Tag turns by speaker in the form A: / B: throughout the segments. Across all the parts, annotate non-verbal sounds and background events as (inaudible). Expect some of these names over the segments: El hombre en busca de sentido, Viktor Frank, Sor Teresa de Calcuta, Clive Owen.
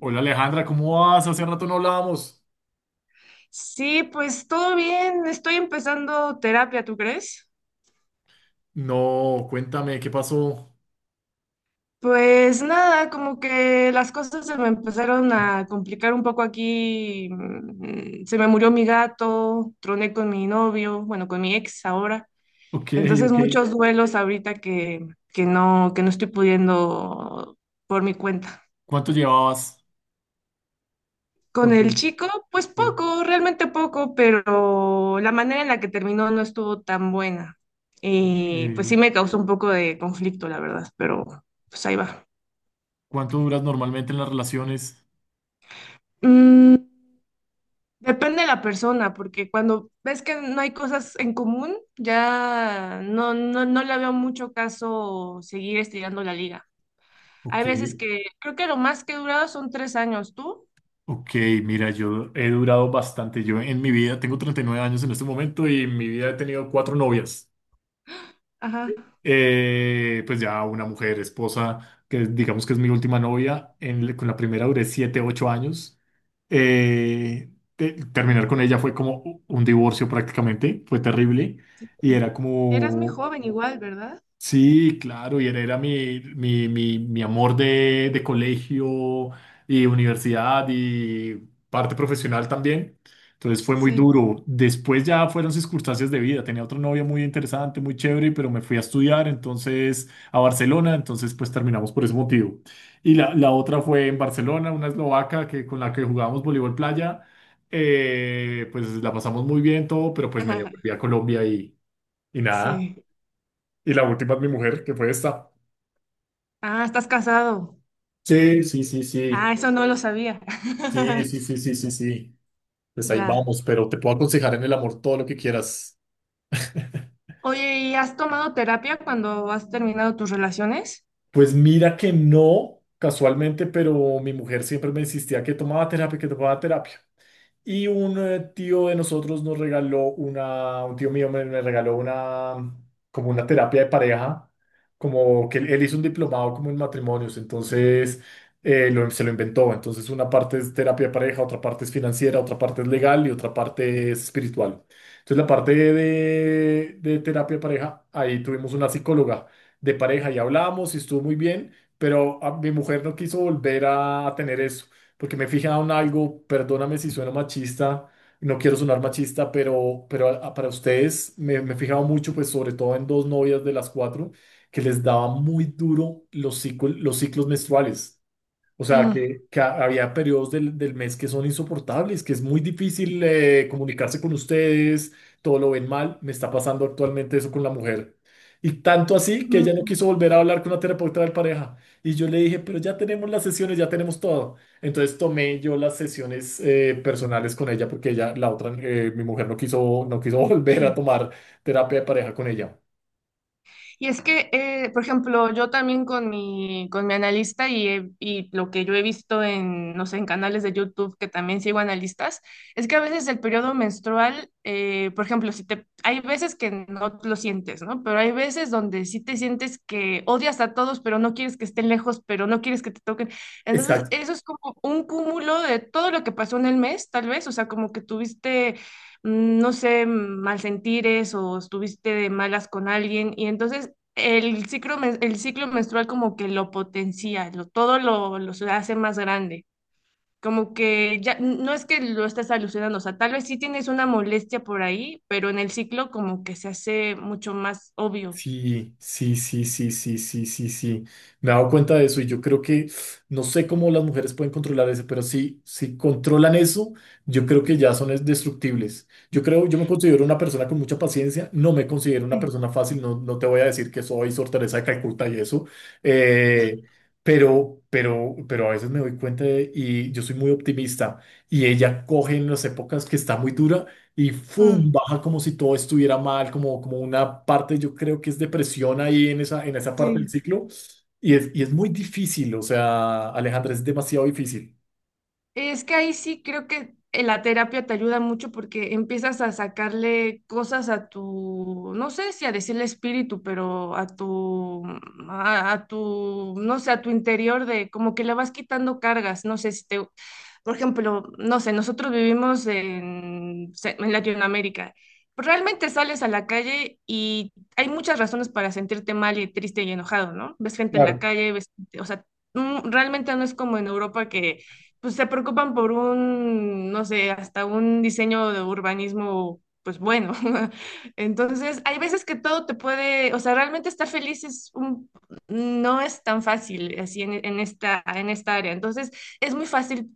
A: Hola Alejandra, ¿cómo vas? Hace rato no hablábamos.
B: Sí, pues todo bien, estoy empezando terapia, ¿tú crees?
A: No, cuéntame, ¿qué pasó?
B: Pues nada, como que las cosas se me empezaron a complicar un poco aquí. Se me murió mi gato, troné con mi novio, bueno, con mi ex ahora.
A: Ok,
B: Entonces
A: ok.
B: muchos duelos ahorita que no estoy pudiendo por mi cuenta.
A: ¿Cuánto llevabas
B: Con
A: con tu
B: el
A: ex?
B: chico, pues
A: Sí.
B: poco, realmente poco, pero la manera en la que terminó no estuvo tan buena.
A: Ok.
B: Y pues sí me causó un poco de conflicto, la verdad, pero pues ahí va.
A: ¿Cuánto duras normalmente en las relaciones?
B: Mm, Depende de la persona, porque cuando ves que no hay cosas en común, ya no, no, no le veo mucho caso seguir estirando la liga. Hay
A: Ok,
B: veces que creo que lo más que he durado son tres años. ¿Tú?
A: ok, mira, yo he durado bastante. Yo en mi vida tengo 39 años en este momento y en mi vida he tenido cuatro novias.
B: Ajá.
A: Pues ya una mujer, esposa, que digamos que es mi última novia, con la primera duré 7, 8 años. Terminar
B: Oh,
A: con ella fue como un divorcio prácticamente, fue terrible
B: sí.
A: y era
B: Eras muy
A: como,
B: joven igual, ¿verdad?
A: sí, claro, y él era mi amor de colegio y universidad y parte profesional también. Entonces fue muy
B: Sí.
A: duro. Después ya fueron circunstancias de vida. Tenía otro novio muy interesante, muy chévere, pero me fui a estudiar entonces a Barcelona. Entonces pues terminamos por ese motivo. Y la otra fue en Barcelona, una eslovaca que, con la que jugábamos voleibol playa. Pues la pasamos muy bien todo, pero pues me volví
B: (laughs)
A: a Colombia y nada.
B: Sí.
A: Y la última es mi mujer, que fue esta.
B: Ah, estás casado.
A: Sí, sí, sí,
B: Ah,
A: sí.
B: eso no lo sabía.
A: Sí,
B: (laughs)
A: sí, sí, sí, sí, sí. Pues ahí
B: Ya.
A: vamos, pero te puedo aconsejar en el amor todo lo que quieras. (laughs)
B: Oye, ¿y has tomado terapia cuando has terminado tus relaciones?
A: Pues mira que no, casualmente, pero mi mujer siempre me insistía que tomaba terapia, que tomaba terapia. Y un tío de nosotros nos regaló un tío mío me regaló una, como una terapia de pareja, como que él hizo un diplomado como en matrimonios, entonces se lo inventó. Entonces una parte es terapia de pareja, otra parte es financiera, otra parte es legal y otra parte es espiritual. Entonces la parte de terapia de pareja, ahí tuvimos una psicóloga de pareja y hablamos y estuvo muy bien, pero mi mujer no quiso volver a tener eso porque me fijan en algo, perdóname si sueno machista, no quiero sonar machista, pero para ustedes me he fijado mucho, pues sobre todo en dos novias de las cuatro, que les daba muy duro los ciclos menstruales. O sea,
B: Mm,
A: que había periodos del mes que son insoportables, que es muy difícil comunicarse con ustedes, todo lo ven mal. Me está pasando actualmente eso con la mujer. Y tanto así que ella no
B: mm,
A: quiso volver a hablar con la terapeuta de pareja. Y yo le dije, pero ya tenemos las sesiones, ya tenemos todo. Entonces tomé yo las sesiones personales con ella porque ella, la otra, mi mujer no quiso (laughs) volver a
B: sí.
A: tomar terapia de pareja con ella.
B: Y es que, por ejemplo, yo también con mi analista y, y lo que yo he visto en, no sé, en canales de YouTube que también sigo analistas, es que a veces el periodo menstrual, por ejemplo, si te, hay veces que no lo sientes, ¿no? Pero hay veces donde sí te sientes que odias a todos, pero no quieres que estén lejos, pero no quieres que te toquen. Entonces,
A: Exacto.
B: eso es como un cúmulo de todo lo que pasó en el mes, tal vez, o sea, como que tuviste no sé, malsentires o estuviste de malas con alguien. Y entonces el ciclo, el ciclo menstrual como que lo potencia, todo lo se hace más grande. Como que ya no es que lo estés alucinando, o sea, tal vez sí tienes una molestia por ahí, pero en el ciclo como que se hace mucho más obvio.
A: Sí, sí, sí, sí, sí, sí, sí, sí. Me he dado cuenta de eso y yo creo que no sé cómo las mujeres pueden controlar eso, pero sí, si controlan eso, yo creo que ya son destructibles. Yo creo, yo me considero una persona con mucha paciencia, no me considero una
B: Sí,
A: persona fácil, no, no te voy a decir que soy Sor Teresa de Calcuta y eso, eh, pero, pero a veces me doy cuenta y yo soy muy optimista, y ella coge en las épocas que está muy dura y ¡fum!
B: mm,
A: Baja como si todo estuviera mal, como una parte, yo creo que es depresión ahí en esa parte del
B: sí.
A: ciclo. Y es muy difícil, o sea, Alejandra, es demasiado difícil.
B: Es que ahí sí creo que la terapia te ayuda mucho porque empiezas a sacarle cosas a tu, no sé si a decirle espíritu, pero a tu, a tu, no sé, a tu interior de como que le vas quitando cargas. No sé si te, por ejemplo, no sé, nosotros vivimos en Latinoamérica. Pues, realmente sales a la calle y hay muchas razones para sentirte mal y triste y enojado, ¿no? Ves gente en la
A: Claro.
B: calle, ves, o sea, realmente no es como en Europa que pues, se preocupan por un, no sé, hasta un diseño de urbanismo, pues bueno. (laughs) Entonces, hay veces que todo te puede, o sea, realmente estar feliz es un, no es tan fácil así en esta área. Entonces, es muy fácil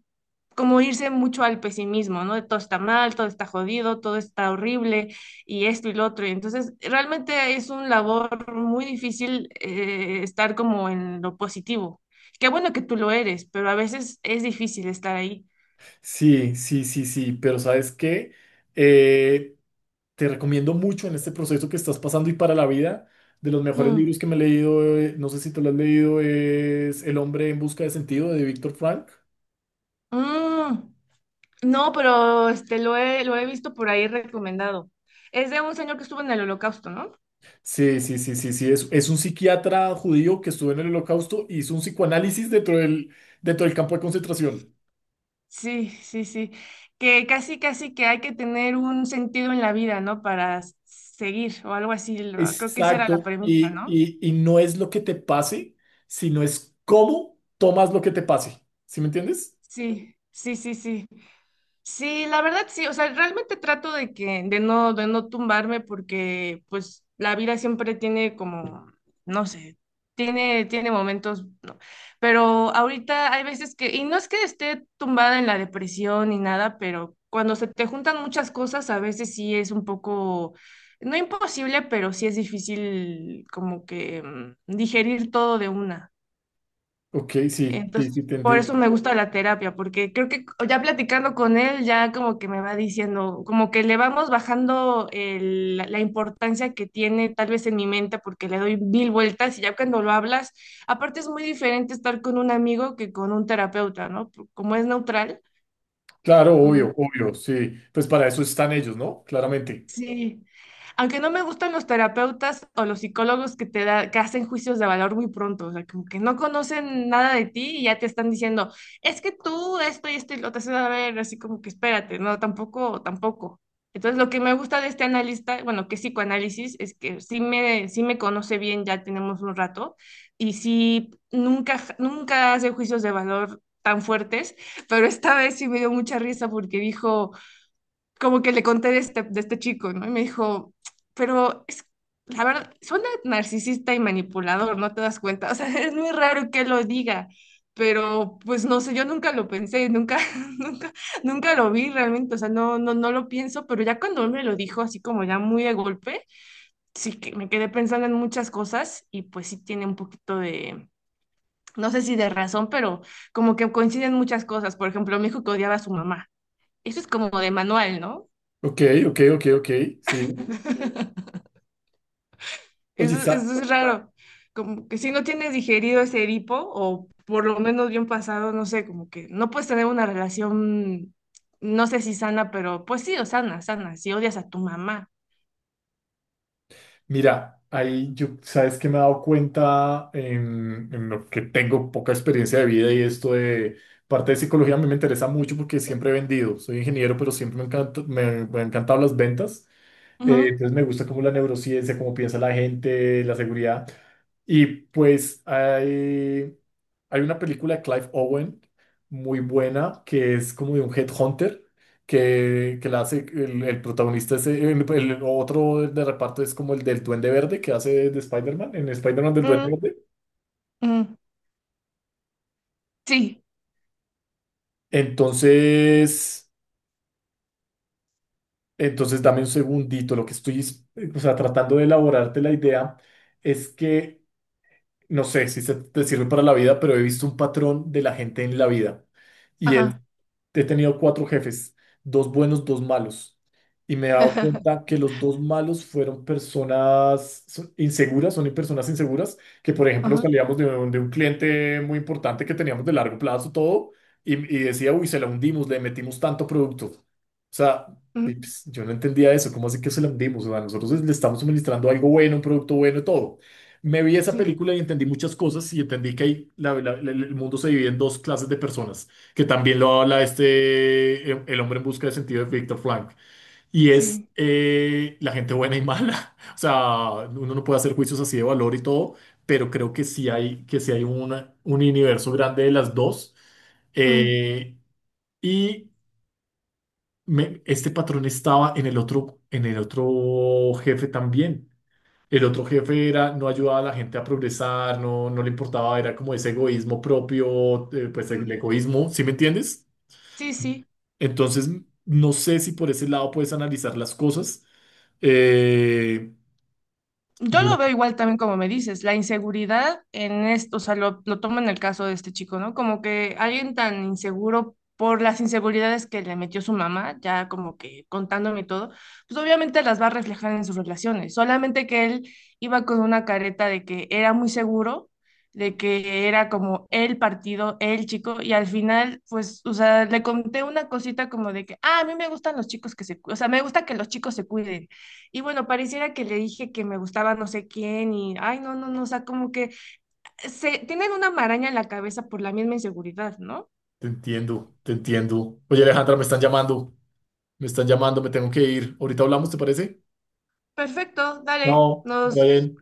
B: como irse mucho al pesimismo, ¿no? De todo está mal, todo está jodido, todo está horrible y esto y lo otro. Y entonces, realmente es una labor muy difícil estar como en lo positivo. Qué bueno que tú lo eres, pero a veces es difícil estar ahí.
A: Sí, sí, sí, sí, pero ¿sabes qué? Eh, Te recomiendo mucho en este proceso que estás pasando y para la vida. De los mejores
B: Mm,
A: libros que me he leído, no sé si te lo has leído, es El hombre en busca de sentido de Víctor Frank.
B: mm. No, pero este, lo he visto por ahí recomendado. Es de un señor que estuvo en el holocausto, ¿no?
A: Sí, sí, sí, sí, sí. Es un psiquiatra judío que estuvo en el Holocausto y hizo un psicoanálisis dentro del campo de concentración.
B: Sí, sí, sí. Que casi, casi que hay que tener un sentido en la vida, ¿no? Para seguir o algo así. Creo que esa era la
A: Exacto.
B: premisa,
A: Y,
B: ¿no?
A: y, y no es lo que te pase, sino es cómo tomas lo que te pase. ¿Sí me entiendes?
B: Sí, sí, sí, sí. Sí, la verdad sí, o sea, realmente trato de no tumbarme porque pues la vida siempre tiene como, no sé, tiene momentos, ¿no? Pero ahorita hay veces que, y no es que esté tumbada en la depresión ni nada, pero cuando se te juntan muchas cosas, a veces sí es un poco, no imposible, pero sí es difícil como que digerir todo de una.
A: Ok, sí, sí,
B: Entonces,
A: sí, te
B: por eso
A: entendí.
B: me gusta la terapia, porque creo que ya platicando con él, ya como que me va diciendo, como que le vamos bajando la importancia que tiene tal vez en mi mente, porque le doy mil vueltas y ya cuando lo hablas, aparte es muy diferente estar con un amigo que con un terapeuta, ¿no? Como es neutral.
A: Claro,
B: Mm,
A: obvio, obvio, sí. Pues para eso están ellos, ¿no? Claramente.
B: sí, aunque no me gustan los terapeutas o los psicólogos que hacen juicios de valor muy pronto, o sea, como que no conocen nada de ti y ya te están diciendo, es que tú esto y esto y lo te haces a ver, así como que espérate, no, tampoco, tampoco. Entonces, lo que me gusta de este analista, bueno, que es psicoanálisis, es que sí me conoce bien, ya tenemos un rato, y sí, nunca, nunca hace juicios de valor tan fuertes, pero esta vez sí me dio mucha risa porque dijo como que le conté de este chico, ¿no? Y me dijo, pero es, la verdad, suena narcisista y manipulador, ¿no te das cuenta? O sea, (laughs) es muy raro que lo diga, pero pues no sé, yo nunca lo pensé, nunca, (laughs) nunca, nunca lo vi realmente, o sea, no, no, no lo pienso, pero ya cuando él me lo dijo así como ya muy de golpe, sí que me quedé pensando en muchas cosas y pues sí tiene un poquito de... No sé si de razón, pero como que coinciden muchas cosas. Por ejemplo, me dijo que odiaba a su mamá. Eso es como de manual, ¿no?
A: Ok, ok, ok, ok, sí. Oye,
B: Eso, eso es raro. Como que si no tienes digerido ese Edipo, o por lo menos bien pasado, no sé, como que no puedes tener una relación, no sé si sana, pero pues sí, o sana, sana, si odias a tu mamá.
A: mira, ahí yo, sabes que me he dado cuenta en lo que tengo poca experiencia de vida y esto de parte de psicología a mí me interesa mucho porque siempre he vendido. Soy ingeniero, pero siempre me han encantado las ventas.
B: Ujú,
A: Entonces me gusta como la neurociencia, cómo piensa la gente, la seguridad. Y pues hay una película de Clive Owen muy buena que es como de un headhunter que la hace el protagonista es el otro de reparto es como el del Duende Verde que hace de Spider-Man, en Spider-Man del Duende
B: mm,
A: Verde.
B: mm, sí,
A: Entonces, entonces dame un segundito, lo que estoy, o sea, tratando de elaborarte la idea es que, no sé si se te sirve para la vida, pero he visto un patrón de la gente en la vida.
B: ajá,
A: He tenido cuatro jefes, dos buenos, dos malos. Y me he dado cuenta que los dos malos fueron personas inseguras, son personas inseguras, que por ejemplo
B: ajá,
A: salíamos de un, cliente muy importante que teníamos de largo plazo todo y decía, uy, se la hundimos, le metimos tanto producto. O sea, y,
B: mm,
A: pues, yo no entendía eso, ¿cómo así que se la hundimos? O sea, nosotros le estamos suministrando algo bueno, un producto bueno, todo. Me vi esa
B: sí,
A: película y entendí muchas cosas y entendí que el mundo se divide en dos clases de personas, que también lo habla este, El hombre en busca de sentido de Viktor Frank, y es
B: sí,
A: la gente buena y mala. (laughs) O sea, uno no puede hacer juicios así de valor y todo, pero creo que sí hay un universo grande de las dos.
B: mm,
A: Eh, y este patrón estaba en el otro jefe también. El otro jefe era, no ayudaba a la gente a progresar, no, no le importaba, era como ese egoísmo propio, pues el
B: mm,
A: egoísmo, ¿sí me entiendes?
B: sí, sí.
A: Entonces, no sé si por ese lado puedes analizar las cosas. Eh,
B: Yo
A: Mira,
B: lo veo igual también como me dices, la inseguridad en esto, o sea, lo tomo en el caso de este chico, ¿no? Como que alguien tan inseguro por las inseguridades que le metió su mamá, ya como que contándome todo, pues obviamente las va a reflejar en sus relaciones, solamente que él iba con una careta de que era muy seguro, de que era como el partido, el chico, y al final, pues, o sea, le conté una cosita como de que, ah, a mí me gustan los chicos que se, o sea, me gusta que los chicos se cuiden. Y bueno, pareciera que le dije que me gustaba no sé quién y, ay, no, no, no, o sea, como que se tienen una maraña en la cabeza por la misma inseguridad, ¿no?
A: te entiendo, te entiendo. Oye, Alejandra, me están llamando, me están llamando, me tengo que ir. Ahorita hablamos, ¿te parece?
B: Perfecto, dale,
A: No, está
B: nos
A: bien.